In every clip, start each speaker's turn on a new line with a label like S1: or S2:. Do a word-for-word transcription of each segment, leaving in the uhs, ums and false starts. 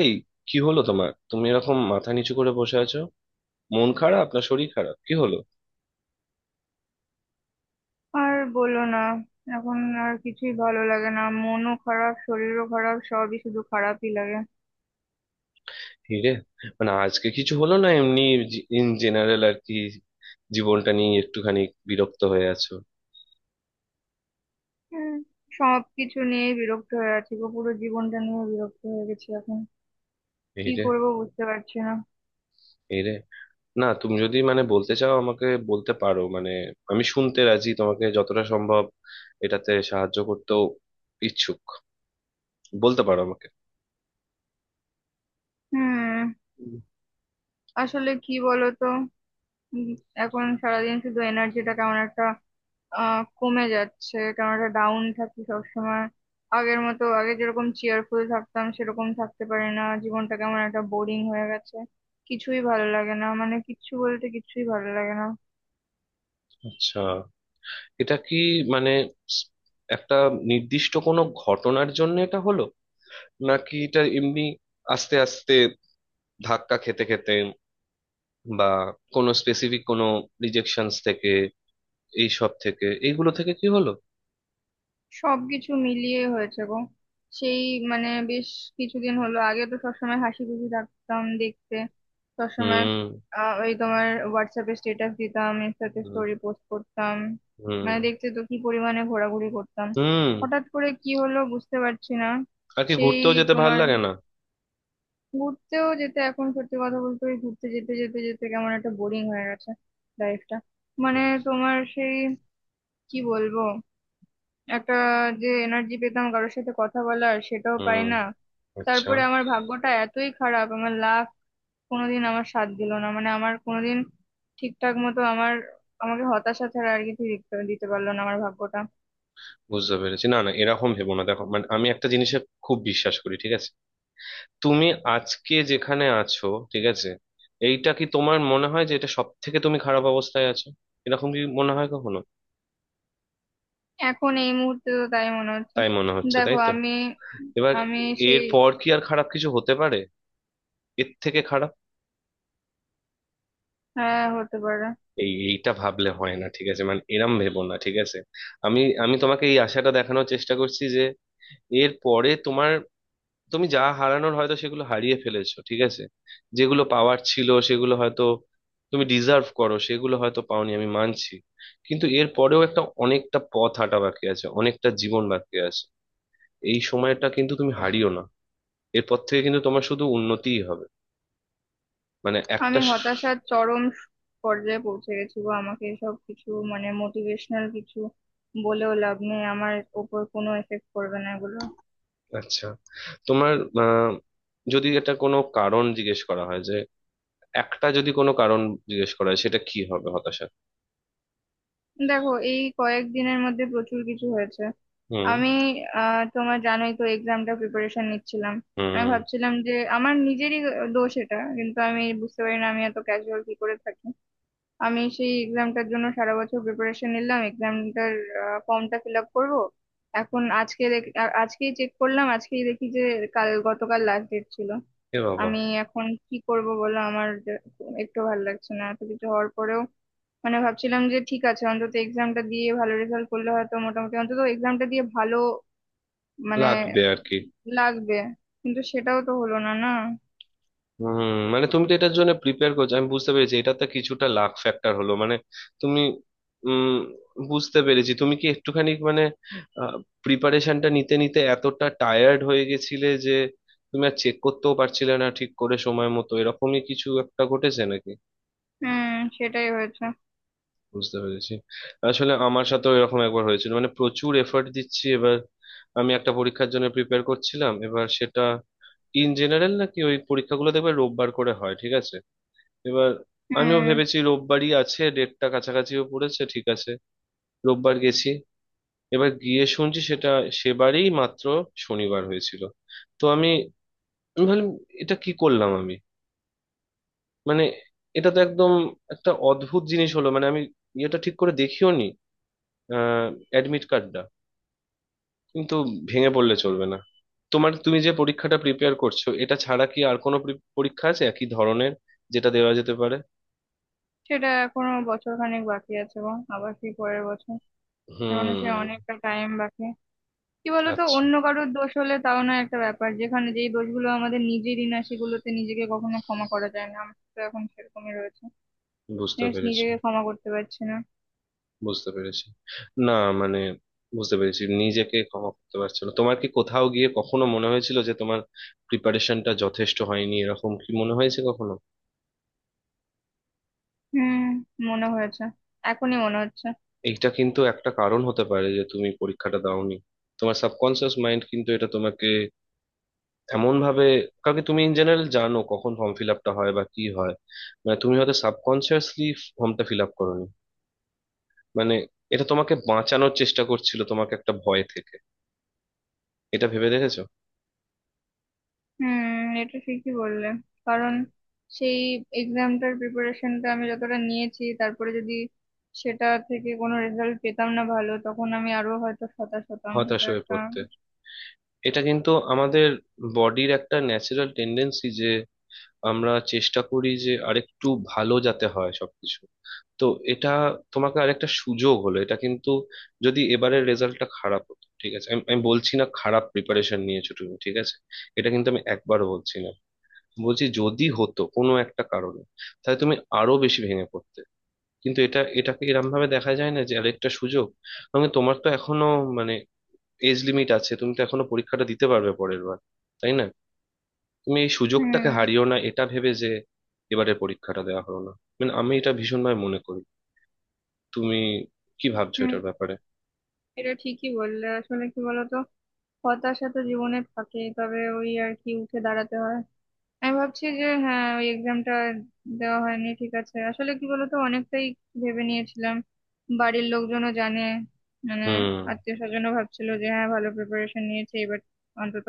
S1: এই, কি হলো তোমার? তুমি এরকম মাথা নিচু করে বসে আছো। মন খারাপ, না শরীর খারাপ? কি হলো?
S2: আর বলো না। এখন আর কিছুই ভালো লাগে না, মনও খারাপ, শরীরও খারাপ, সবই শুধু খারাপই লাগে।
S1: হিরে, মানে আজকে কিছু হলো, না এমনি ইন জেনারেল আর কি জীবনটা নিয়ে একটুখানি বিরক্ত হয়ে আছো?
S2: হুম। সব কিছু নিয়ে বিরক্ত হয়ে আছি গো, পুরো জীবনটা নিয়ে বিরক্ত হয়ে গেছি এখন। কি
S1: হিরে।
S2: করব বুঝতে পারছি না।
S1: হিরে, না তুমি যদি মানে বলতে চাও আমাকে বলতে পারো। মানে আমি শুনতে রাজি তোমাকে যতটা সম্ভব এটাতে সাহায্য করতেও ইচ্ছুক। বলতে পারো আমাকে।
S2: হুম।
S1: হুম।
S2: আসলে কি বলো তো, উম, এখন সারাদিন শুধু এনার্জিটা কেমন একটা আহ কমে যাচ্ছে, কারণ একটা ডাউন থাকি সবসময়। আগের মতো, আগে যেরকম চেয়ারফুল থাকতাম সেরকম থাকতে পারি না, জীবনটা কেমন একটা বোরিং হয়ে গেছে। কিছুই ভালো লাগে না, মানে কিচ্ছু বলতে কিচ্ছুই ভালো লাগে না।
S1: আচ্ছা, এটা কি মানে স- একটা নির্দিষ্ট কোনো ঘটনার জন্য এটা হলো, নাকি এটা এমনি আস্তে আস্তে ধাক্কা খেতে খেতে, বা কোনো স্পেসিফিক কোনো রিজেকশনস থেকে, এইসব থেকে এইগুলো থেকে কি হলো?
S2: সবকিছু মিলিয়ে হয়েছে গো। সেই মানে বেশ কিছুদিন হলো, আগে তো সবসময় হাসি খুশি থাকতাম দেখতে, সবসময়।
S1: হুম।
S2: আহ, ওই তোমার হোয়াটসঅ্যাপে স্ট্যাটাস দিতাম, ইনস্টাতে
S1: হুম।
S2: স্টোরি পোস্ট করতাম।
S1: হুম।
S2: মানে দেখতে তো কি পরিমাণে ঘোরাঘুরি করতাম।
S1: হুম।
S2: হঠাৎ করে কি হলো বুঝতে পারছি না।
S1: আর কি
S2: সেই
S1: ঘুরতেও যেতে ভাল
S2: তোমার
S1: লাগে না।
S2: ঘুরতেও যেতে, এখন সত্যি কথা বলতে ওই ঘুরতে যেতে যেতে যেতে কেমন একটা বোরিং হয়ে গেছে লাইফটা। মানে তোমার সেই কি বলবো, একটা যে এনার্জি পেতাম কারোর সাথে কথা বলার সেটাও পাই
S1: হুম।
S2: না।
S1: আচ্ছা,
S2: তারপরে আমার ভাগ্যটা এতই খারাপ, আমার লাক কোনোদিন আমার সাথ দিল না, মানে আমার কোনোদিন ঠিকঠাক মতো আমার, আমাকে হতাশা ছাড়া আর কিছু দিতে দিতে পারলো না আমার ভাগ্যটা।
S1: বুঝতে পেরেছি। না না, এরকম ভেবো না। দেখো মানে আমি একটা জিনিসে খুব বিশ্বাস করি, ঠিক আছে? তুমি আজকে যেখানে আছো, ঠিক আছে, এইটা কি তোমার মনে হয় যে এটা সব থেকে তুমি খারাপ অবস্থায় আছো? এরকম কি মনে হয় কখনো?
S2: এখন এই মুহূর্তে তো তাই মনে হচ্ছে।
S1: তাই মনে হচ্ছে?
S2: দেখো,
S1: তাই তো।
S2: আমি
S1: এবার
S2: আমি
S1: এর
S2: সেই,
S1: পর কি আর খারাপ কিছু হতে পারে এর থেকে খারাপ?
S2: হ্যাঁ হতে পারে।
S1: এই এইটা ভাবলে হয় না, ঠিক আছে? মানে এরম ভেবো না, ঠিক আছে? আমি আমি তোমাকে এই আশাটা দেখানোর চেষ্টা করছি যে এর পরে তোমার, তুমি যা হারানোর হয়তো সেগুলো হারিয়ে ফেলেছো, ঠিক আছে। যেগুলো পাওয়ার ছিল সেগুলো হয়তো, তুমি ডিজার্ভ করো সেগুলো হয়তো পাওনি, আমি মানছি। কিন্তু এর পরেও একটা অনেকটা পথ হাঁটা বাকি আছে, অনেকটা জীবন বাকি আছে। এই সময়টা কিন্তু তুমি হারিও না। এরপর থেকে কিন্তু তোমার শুধু উন্নতিই হবে। মানে
S2: আমি
S1: একটা।
S2: হতাশার চরম পর্যায়ে পৌঁছে গেছি গো, আমাকে এসব কিছু, মানে মোটিভেশনাল কিছু বলেও লাভ নেই, আমার ওপর কোনো এফেক্ট করবে না এগুলো।
S1: আচ্ছা, তোমার আহ, যদি এটা কোনো কারণ জিজ্ঞেস করা হয় যে একটা যদি কোনো কারণ জিজ্ঞেস করা হয় সেটা কি হবে হতাশার?
S2: দেখো, এই কয়েকদিনের মধ্যে প্রচুর কিছু হয়েছে।
S1: হুম।
S2: আমি আহ তোমার জানোই তো এক্সামটা প্রিপারেশন নিচ্ছিলাম। আমি
S1: হুম।
S2: ভাবছিলাম যে আমার নিজেরই দোষ এটা, কিন্তু আমি বুঝতে পারি না আমি এত ক্যাজুয়াল কি করে থাকি। আমি সেই এক্সামটার জন্য সারা বছর প্রিপারেশন নিলাম, এক্সামটার ফর্মটা ফিল আপ করবো। এখন আজকে দেখ- আ- আজকেই চেক করলাম, আজকেই দেখি যে কাল গতকাল লাস্ট ডেট ছিল।
S1: এ বাবা!
S2: আমি এখন কি করব বলো, আমার যে- একটু ভালো লাগছে না এত কিছু হওয়ার পরেও। মানে ভাবছিলাম যে ঠিক আছে, অন্তত এক্সামটা দিয়ে ভালো রেজাল্ট করলে হয়তো মোটামুটি, অন্তত এক্সামটা দিয়ে ভালো মানে
S1: লাগবে আর কি।
S2: লাগবে। কিন্তু সেটাও তো হলো না, না।
S1: হুম, মানে তুমি তো এটার জন্য প্রিপেয়ার করছো, আমি বুঝতে পেরেছি। এটাতে কিছুটা লাক ফ্যাক্টর হলো, মানে তুমি উম বুঝতে পেরেছি। তুমি কি একটুখানি মানে প্রিপারেশনটা নিতে নিতে এতটা টায়ার্ড হয়ে গেছিলে যে তুমি আর চেক করতেও পারছিলে না ঠিক করে সময় মতো, এরকমই কিছু একটা ঘটেছে নাকি?
S2: হুম, সেটাই হয়েছে।
S1: বুঝতে পেরেছি। আসলে আমার সাথেও এরকম একবার হয়েছিল, মানে প্রচুর এফর্ট দিচ্ছি এবার। আমি একটা পরীক্ষার জন্য প্রিপেয়ার করছিলাম, এবার সেটা ইন জেনারেল, নাকি ওই পরীক্ষাগুলো দেখবে রোববার করে হয়, ঠিক আছে? এবার আমিও
S2: হুম।
S1: ভেবেছি রোববারই আছে, ডেটটা কাছাকাছিও পড়েছে, ঠিক আছে। রোববার গেছি, এবার গিয়ে শুনছি সেটা সেবারেই মাত্র শনিবার হয়েছিল। তো আমি, আমি ভাবলাম এটা কি করলাম আমি? মানে এটা তো একদম একটা অদ্ভুত জিনিস হলো। মানে আমি ইয়েটা ঠিক করে দেখিও নি অ্যাডমিট কার্ডটা। কিন্তু ভেঙে পড়লে চলবে না। তোমার, তুমি যে পরীক্ষাটা প্রিপেয়ার করছো এটা ছাড়া কি আর কোনো pre- পরীক্ষা আছে একই ধরনের যেটা দেওয়া যেতে পারে?
S2: সেটা এখনো বছর খানেক বাকি আছে গো, আবার কি পরের বছর। এখনো সে
S1: হুম।
S2: অনেকটা টাইম বাকি। কি বলতো,
S1: আচ্ছা,
S2: অন্য কারোর দোষ হলে তাও না একটা ব্যাপার, যেখানে যেই দোষগুলো আমাদের নিজেরই না সেগুলোতে নিজেকে কখনো ক্ষমা করা যায় না, আমার তো এখন সেরকমই রয়েছে।
S1: বুঝতে
S2: জানিস,
S1: পেরেছি।
S2: নিজেকে ক্ষমা করতে পারছি না।
S1: বুঝতে পেরেছি। না মানে বুঝতে পেরেছি নিজেকে ক্ষমা করতে পারছো না। তোমার কি কোথাও গিয়ে কখনো মনে হয়েছিল যে তোমার প্রিপারেশনটা যথেষ্ট হয়নি? এরকম কি মনে হয়েছে কখনো?
S2: হুম, মনে হয়েছে, এখনই মনে হচ্ছে।
S1: এইটা কিন্তু একটা কারণ হতে পারে যে তুমি পরীক্ষাটা দাওনি। তোমার সাবকনসিয়াস মাইন্ড কিন্তু এটা তোমাকে এমন ভাবে, কারণ কি তুমি ইন জেনারেল জানো কখন ফর্ম ফিল আপটা হয় বা কি হয়, মানে তুমি হয়তো সাবকনসিয়াসলি ফর্মটা ফিল আপ করোনি। মানে এটা তোমাকে বাঁচানোর চেষ্টা করছিল, তোমাকে একটা ভয় থেকে। এটা ভেবে দেখেছো?
S2: হুম, এটা ঠিকই বললে। কারণ সেই এক্সামটার প্রিপারেশনটা আমি যতটা নিয়েছি, তারপরে যদি সেটা থেকে কোনো রেজাল্ট পেতাম না ভালো, তখন আমি আরো হয়তো হতাশ হতাম,
S1: হতাশ
S2: এটা
S1: হয়ে
S2: একটা।
S1: পড়তে। এটা কিন্তু আমাদের বডির একটা ন্যাচারাল টেন্ডেন্সি যে আমরা চেষ্টা করি যে আরেকটু ভালো যাতে হয় সবকিছু। তো এটা তোমাকে আরেকটা সুযোগ হলো এটা, কিন্তু যদি এবারের রেজাল্টটা খারাপ হতো, ঠিক আছে। আমি আমি বলছি না খারাপ প্রিপারেশন নিয়েছো তুমি, ঠিক আছে? এটা কিন্তু আমি একবারও বলছি না। বলছি যদি হতো কোনো একটা কারণে, তাহলে তুমি আরো বেশি ভেঙে পড়তে। কিন্তু এটা, এটাকে এরম ভাবে দেখা যায় না যে আরেকটা সুযোগ। মানে তোমার তো এখনো মানে এজ লিমিট আছে, তুমি তো এখনো পরীক্ষাটা দিতে পারবে পরের বার, তাই না? তুমি এই সুযোগটাকে
S2: হুম,
S1: হারিও না এটা ভেবে যে এবারে পরীক্ষাটা দেওয়া হলো না। মানে আমি এটা ভীষণভাবে মনে করি। তুমি কি ভাবছো
S2: হুম,
S1: এটার ব্যাপারে?
S2: এটা ঠিকই বললে। আসলে কি বলতো, হতাশা তো জীবনে থাকেই, তবে ওই আর কি উঠে দাঁড়াতে হয়। আমি ভাবছি যে হ্যাঁ, ওই এক্সামটা দেওয়া হয়নি ঠিক আছে, আসলে কি বলতো অনেকটাই ভেবে নিয়েছিলাম। বাড়ির লোকজনও জানে, মানে
S1: হুম।
S2: আত্মীয় স্বজনও ভাবছিল যে হ্যাঁ, ভালো প্রিপারেশন নিয়েছে এবার, অন্তত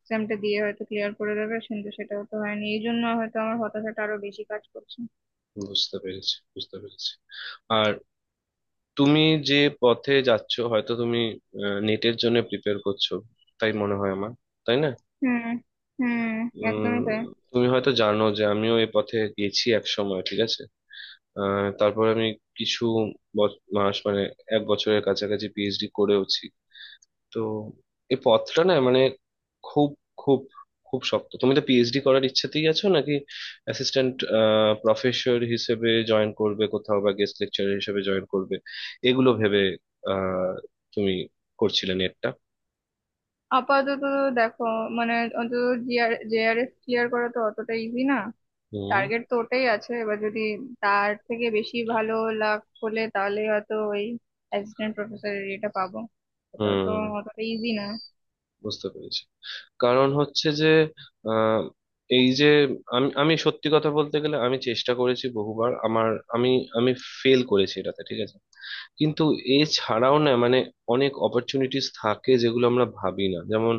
S2: এক্সামটা দিয়ে হয়তো ক্লিয়ার করে দেবে। কিন্তু সেটাও তো হয়নি, এই জন্য হয়তো আমার হতাশাটা আরো বেশি কাজ করছে।
S1: বুঝতে পেরেছি, বুঝতে পেরেছি। আর তুমি যে পথে যাচ্ছ, হয়তো তুমি নেটের জন্য প্রিপেয়ার করছো, তাই মনে হয় আমার, তাই না?
S2: হুম, হুম, একদমই
S1: উম,
S2: তাই।
S1: তুমি হয়তো জানো যে আমিও এ পথে গেছি এক সময়, ঠিক আছে। আহ, তারপর আমি কিছু বছ- মাস, মানে এক বছরের কাছাকাছি পিএইচডি করেওছি। তো এই পথটা না মানে খুব খুব খুব শক্ত। তুমি তো পিএইচডি করার ইচ্ছেতেই আছো, নাকি অ্যাসিস্ট্যান্ট প্রফেসর হিসেবে জয়েন করবে কোথাও, বা গেস্ট লেকচারার হিসেবে জয়েন করবে, এগুলো ভেবে আহ তুমি করছিলে নেটটা?
S2: আপাতত দেখো, মানে অন্তত জিআর জেআরএস ক্লিয়ার করা তো অতটা ইজি না।
S1: হুম।
S2: টার্গেট তো ওটাই আছে। এবার যদি তার থেকে বেশি ভালো লাভ হলে, তাহলে হয়তো ওই অ্যাসিস্ট্যান্ট প্রফেসরের এটা পাবো। এটাও তো
S1: হুম।
S2: অতটা ইজি না।
S1: বুঝতে পেরেছি। কারণ হচ্ছে যে আহ, এই যে, আমি আমি সত্যি কথা বলতে গেলে আমি চেষ্টা করেছি বহুবার আমার, আমি আমি ফেল করেছি এটাতে, ঠিক আছে। কিন্তু এছাড়াও না মানে অনেক অপরচুনিটিস থাকে যেগুলো আমরা ভাবি না। যেমন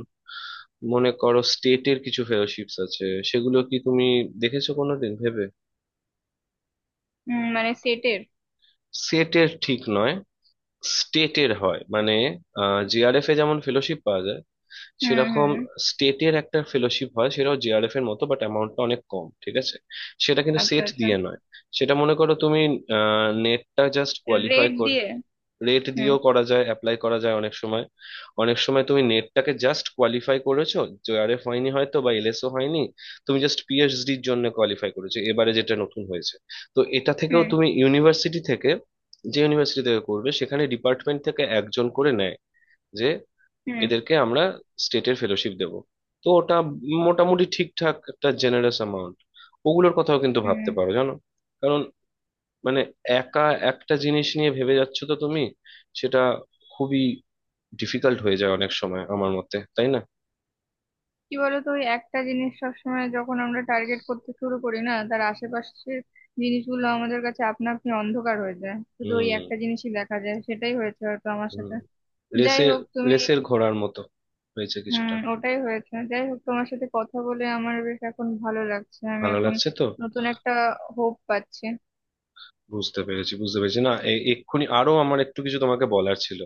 S1: মনে করো স্টেটের কিছু ফেলোশিপস আছে, সেগুলো কি তুমি দেখেছো কোনোদিন ভেবে?
S2: হুম, মানে সেটের।
S1: সেটের ঠিক নয়, স্টেটের হয় মানে জিআরএফ এ যেমন ফেলোশিপ পাওয়া যায়
S2: হুম,
S1: সেরকম
S2: হুম,
S1: স্টেটের একটা ফেলোশিপ হয়, সেটাও জেআরএফ এর মতো, বাট অ্যামাউন্টটা অনেক কম, ঠিক আছে। সেটা কিন্তু
S2: আচ্ছা,
S1: সেট
S2: আচ্ছা।
S1: দিয়ে নয়। সেটা মনে করো তুমি নেটটা জাস্ট কোয়ালিফাই
S2: রেট
S1: কর,
S2: দিয়ে।
S1: রেট
S2: হুম,
S1: দিয়েও করা যায়, অ্যাপ্লাই করা যায় অনেক সময়। অনেক সময় তুমি নেটটাকে জাস্ট কোয়ালিফাই করেছো, জেআরএফ হয়নি হয়তো, বা এলএসও হয়নি, তুমি জাস্ট পিএইচডির জন্য কোয়ালিফাই করেছো, এবারে যেটা নতুন হয়েছে। তো এটা থেকেও
S2: হুম,
S1: তুমি ইউনিভার্সিটি থেকে, যে ইউনিভার্সিটি থেকে করবে সেখানে ডিপার্টমেন্ট থেকে একজন করে নেয় যে
S2: হুম,
S1: এদেরকে আমরা স্টেটের ফেলোশিপ দেব। তো ওটা মোটামুটি ঠিকঠাক একটা জেনারেস অ্যামাউন্ট। ওগুলোর কথাও কিন্তু ভাবতে
S2: হুম।
S1: পারো, জানো। কারণ মানে একা একটা জিনিস নিয়ে ভেবে যাচ্ছ তো তুমি, সেটা খুবই ডিফিকাল্ট হয়ে যায় অনেক সময় আমার মতে, তাই না?
S2: কি বলতো, ওই একটা জিনিস সবসময় যখন আমরা টার্গেট করতে শুরু করি না, তার আশেপাশের জিনিসগুলো আমাদের কাছে আপনা আপনি অন্ধকার হয়ে যায়, শুধু ওই
S1: হুম।
S2: একটা জিনিসই দেখা যায়, সেটাই হয়েছে হয়তো আমার
S1: হুম।
S2: সাথে। যাই
S1: লেসের,
S2: হোক তুমি,
S1: লেসের ঘোড়ার মতো হয়েছে
S2: হুম,
S1: কিছুটা।
S2: ওটাই হয়েছে। যাই হোক, তোমার সাথে কথা বলে আমার বেশ এখন ভালো লাগছে, আমি
S1: ভালো
S2: এখন
S1: লাগছে তো?
S2: নতুন একটা হোপ পাচ্ছি।
S1: বুঝতে পেরেছি, বুঝতে পেরেছি। না এ- এক্ষুনি আরো আমার একটু কিছু তোমাকে বলার ছিল।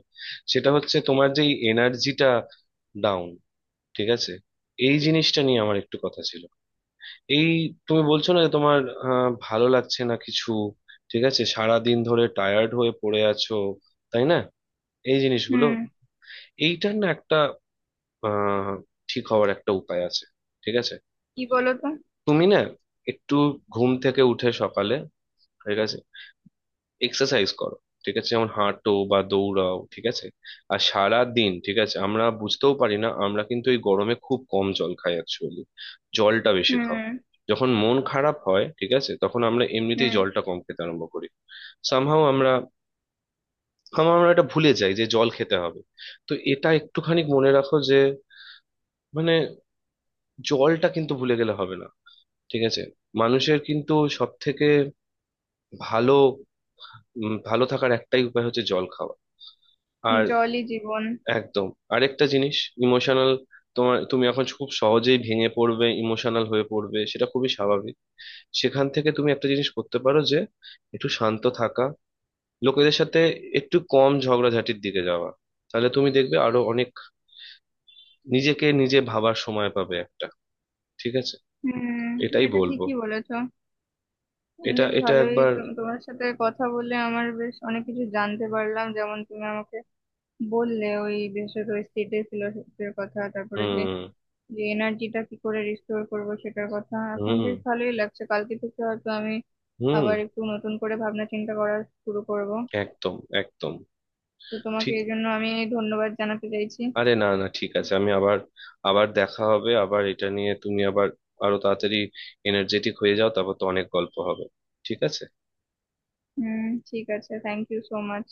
S1: সেটা হচ্ছে তোমার যেই এনার্জিটা ডাউন, ঠিক আছে, এই জিনিসটা নিয়ে আমার একটু কথা ছিল। এই তুমি বলছো না যে তোমার আহ, ভালো লাগছে না কিছু, ঠিক আছে, সারা দিন ধরে টায়ার্ড হয়ে পড়ে আছো, তাই না? এই জিনিসগুলো,
S2: হুম।
S1: এইটার না একটা আহ ঠিক হওয়ার একটা উপায় আছে, ঠিক আছে।
S2: কি বলো তো।
S1: তুমি না একটু ঘুম থেকে উঠে সকালে, ঠিক আছে, এক্সারসাইজ করো, ঠিক আছে, যেমন হাঁটো বা দৌড়াও, ঠিক আছে। আর সারা দিন ঠিক আছে আমরা বুঝতেও পারি না, আমরা কিন্তু এই গরমে খুব কম জল খাই অ্যাকচুয়ালি। জলটা বেশি খাও।
S2: হুম,
S1: যখন মন খারাপ হয় ঠিক আছে তখন আমরা এমনিতেই
S2: হুম।
S1: জলটা কম খেতে আরম্ভ করি। সামহাও আমরা, somehow আমরা এটা ভুলে যাই যে জল খেতে হবে। তো এটা একটুখানি মনে রাখো যে মানে জলটা কিন্তু ভুলে গেলে হবে না, ঠিক আছে? মানুষের কিন্তু সব থেকে ভালো, উম, ভালো থাকার একটাই উপায় হচ্ছে জল খাওয়া। আর
S2: জলই জীবন।
S1: একদম। আরেকটা জিনিস ইমোশনাল, তোমার, তুমি এখন খুব সহজেই ভেঙে পড়বে, ইমোশনাল হয়ে পড়বে, সেটা খুবই স্বাভাবিক। সেখান থেকে তুমি একটা জিনিস করতে পারো যে একটু শান্ত থাকা, লোকেদের সাথে একটু কম ঝগড়াঝাটির দিকে যাওয়া। তাহলে তুমি দেখবে আরো অনেক নিজেকে নিজে ভাবার সময় পাবে একটা, ঠিক আছে।
S2: হুম,
S1: এটাই
S2: এটা
S1: বলবো।
S2: ঠিকই বলেছো।
S1: এটা
S2: বেশ
S1: এটা
S2: ভালোই
S1: একবার।
S2: তো- তোমার সাথে কথা বলে আমার বেশ অনেক কিছু জানতে পারলাম, যেমন তুমি আমাকে বললে ওই বিশেষত ওই স্টেটের ফিলোসফির কথা, তারপরে যে
S1: হুম।
S2: যে এনার্জিটা কি করে রিস্টোর করব সেটার কথা। এখন
S1: হুম।
S2: বেশ ভালোই লাগছে, কালকে থেকে হয়তো আমি
S1: হুম।
S2: আবার একটু নতুন করে ভাবনা চিন্তা করা শুরু করব।
S1: একদম, একদম
S2: তো তোমাকে
S1: ঠিক।
S2: এই জন্য আমি ধন্যবাদ জানাতে চাইছি।
S1: আরে না না, ঠিক আছে। আমি আবার, আবার দেখা হবে। আবার এটা নিয়ে তুমি আবার আরো তাড়াতাড়ি এনার্জেটিক হয়ে যাও, তারপর তো অনেক গল্প হবে, ঠিক আছে।
S2: হুম, ঠিক আছে, থ্যাংক ইউ সো মাচ।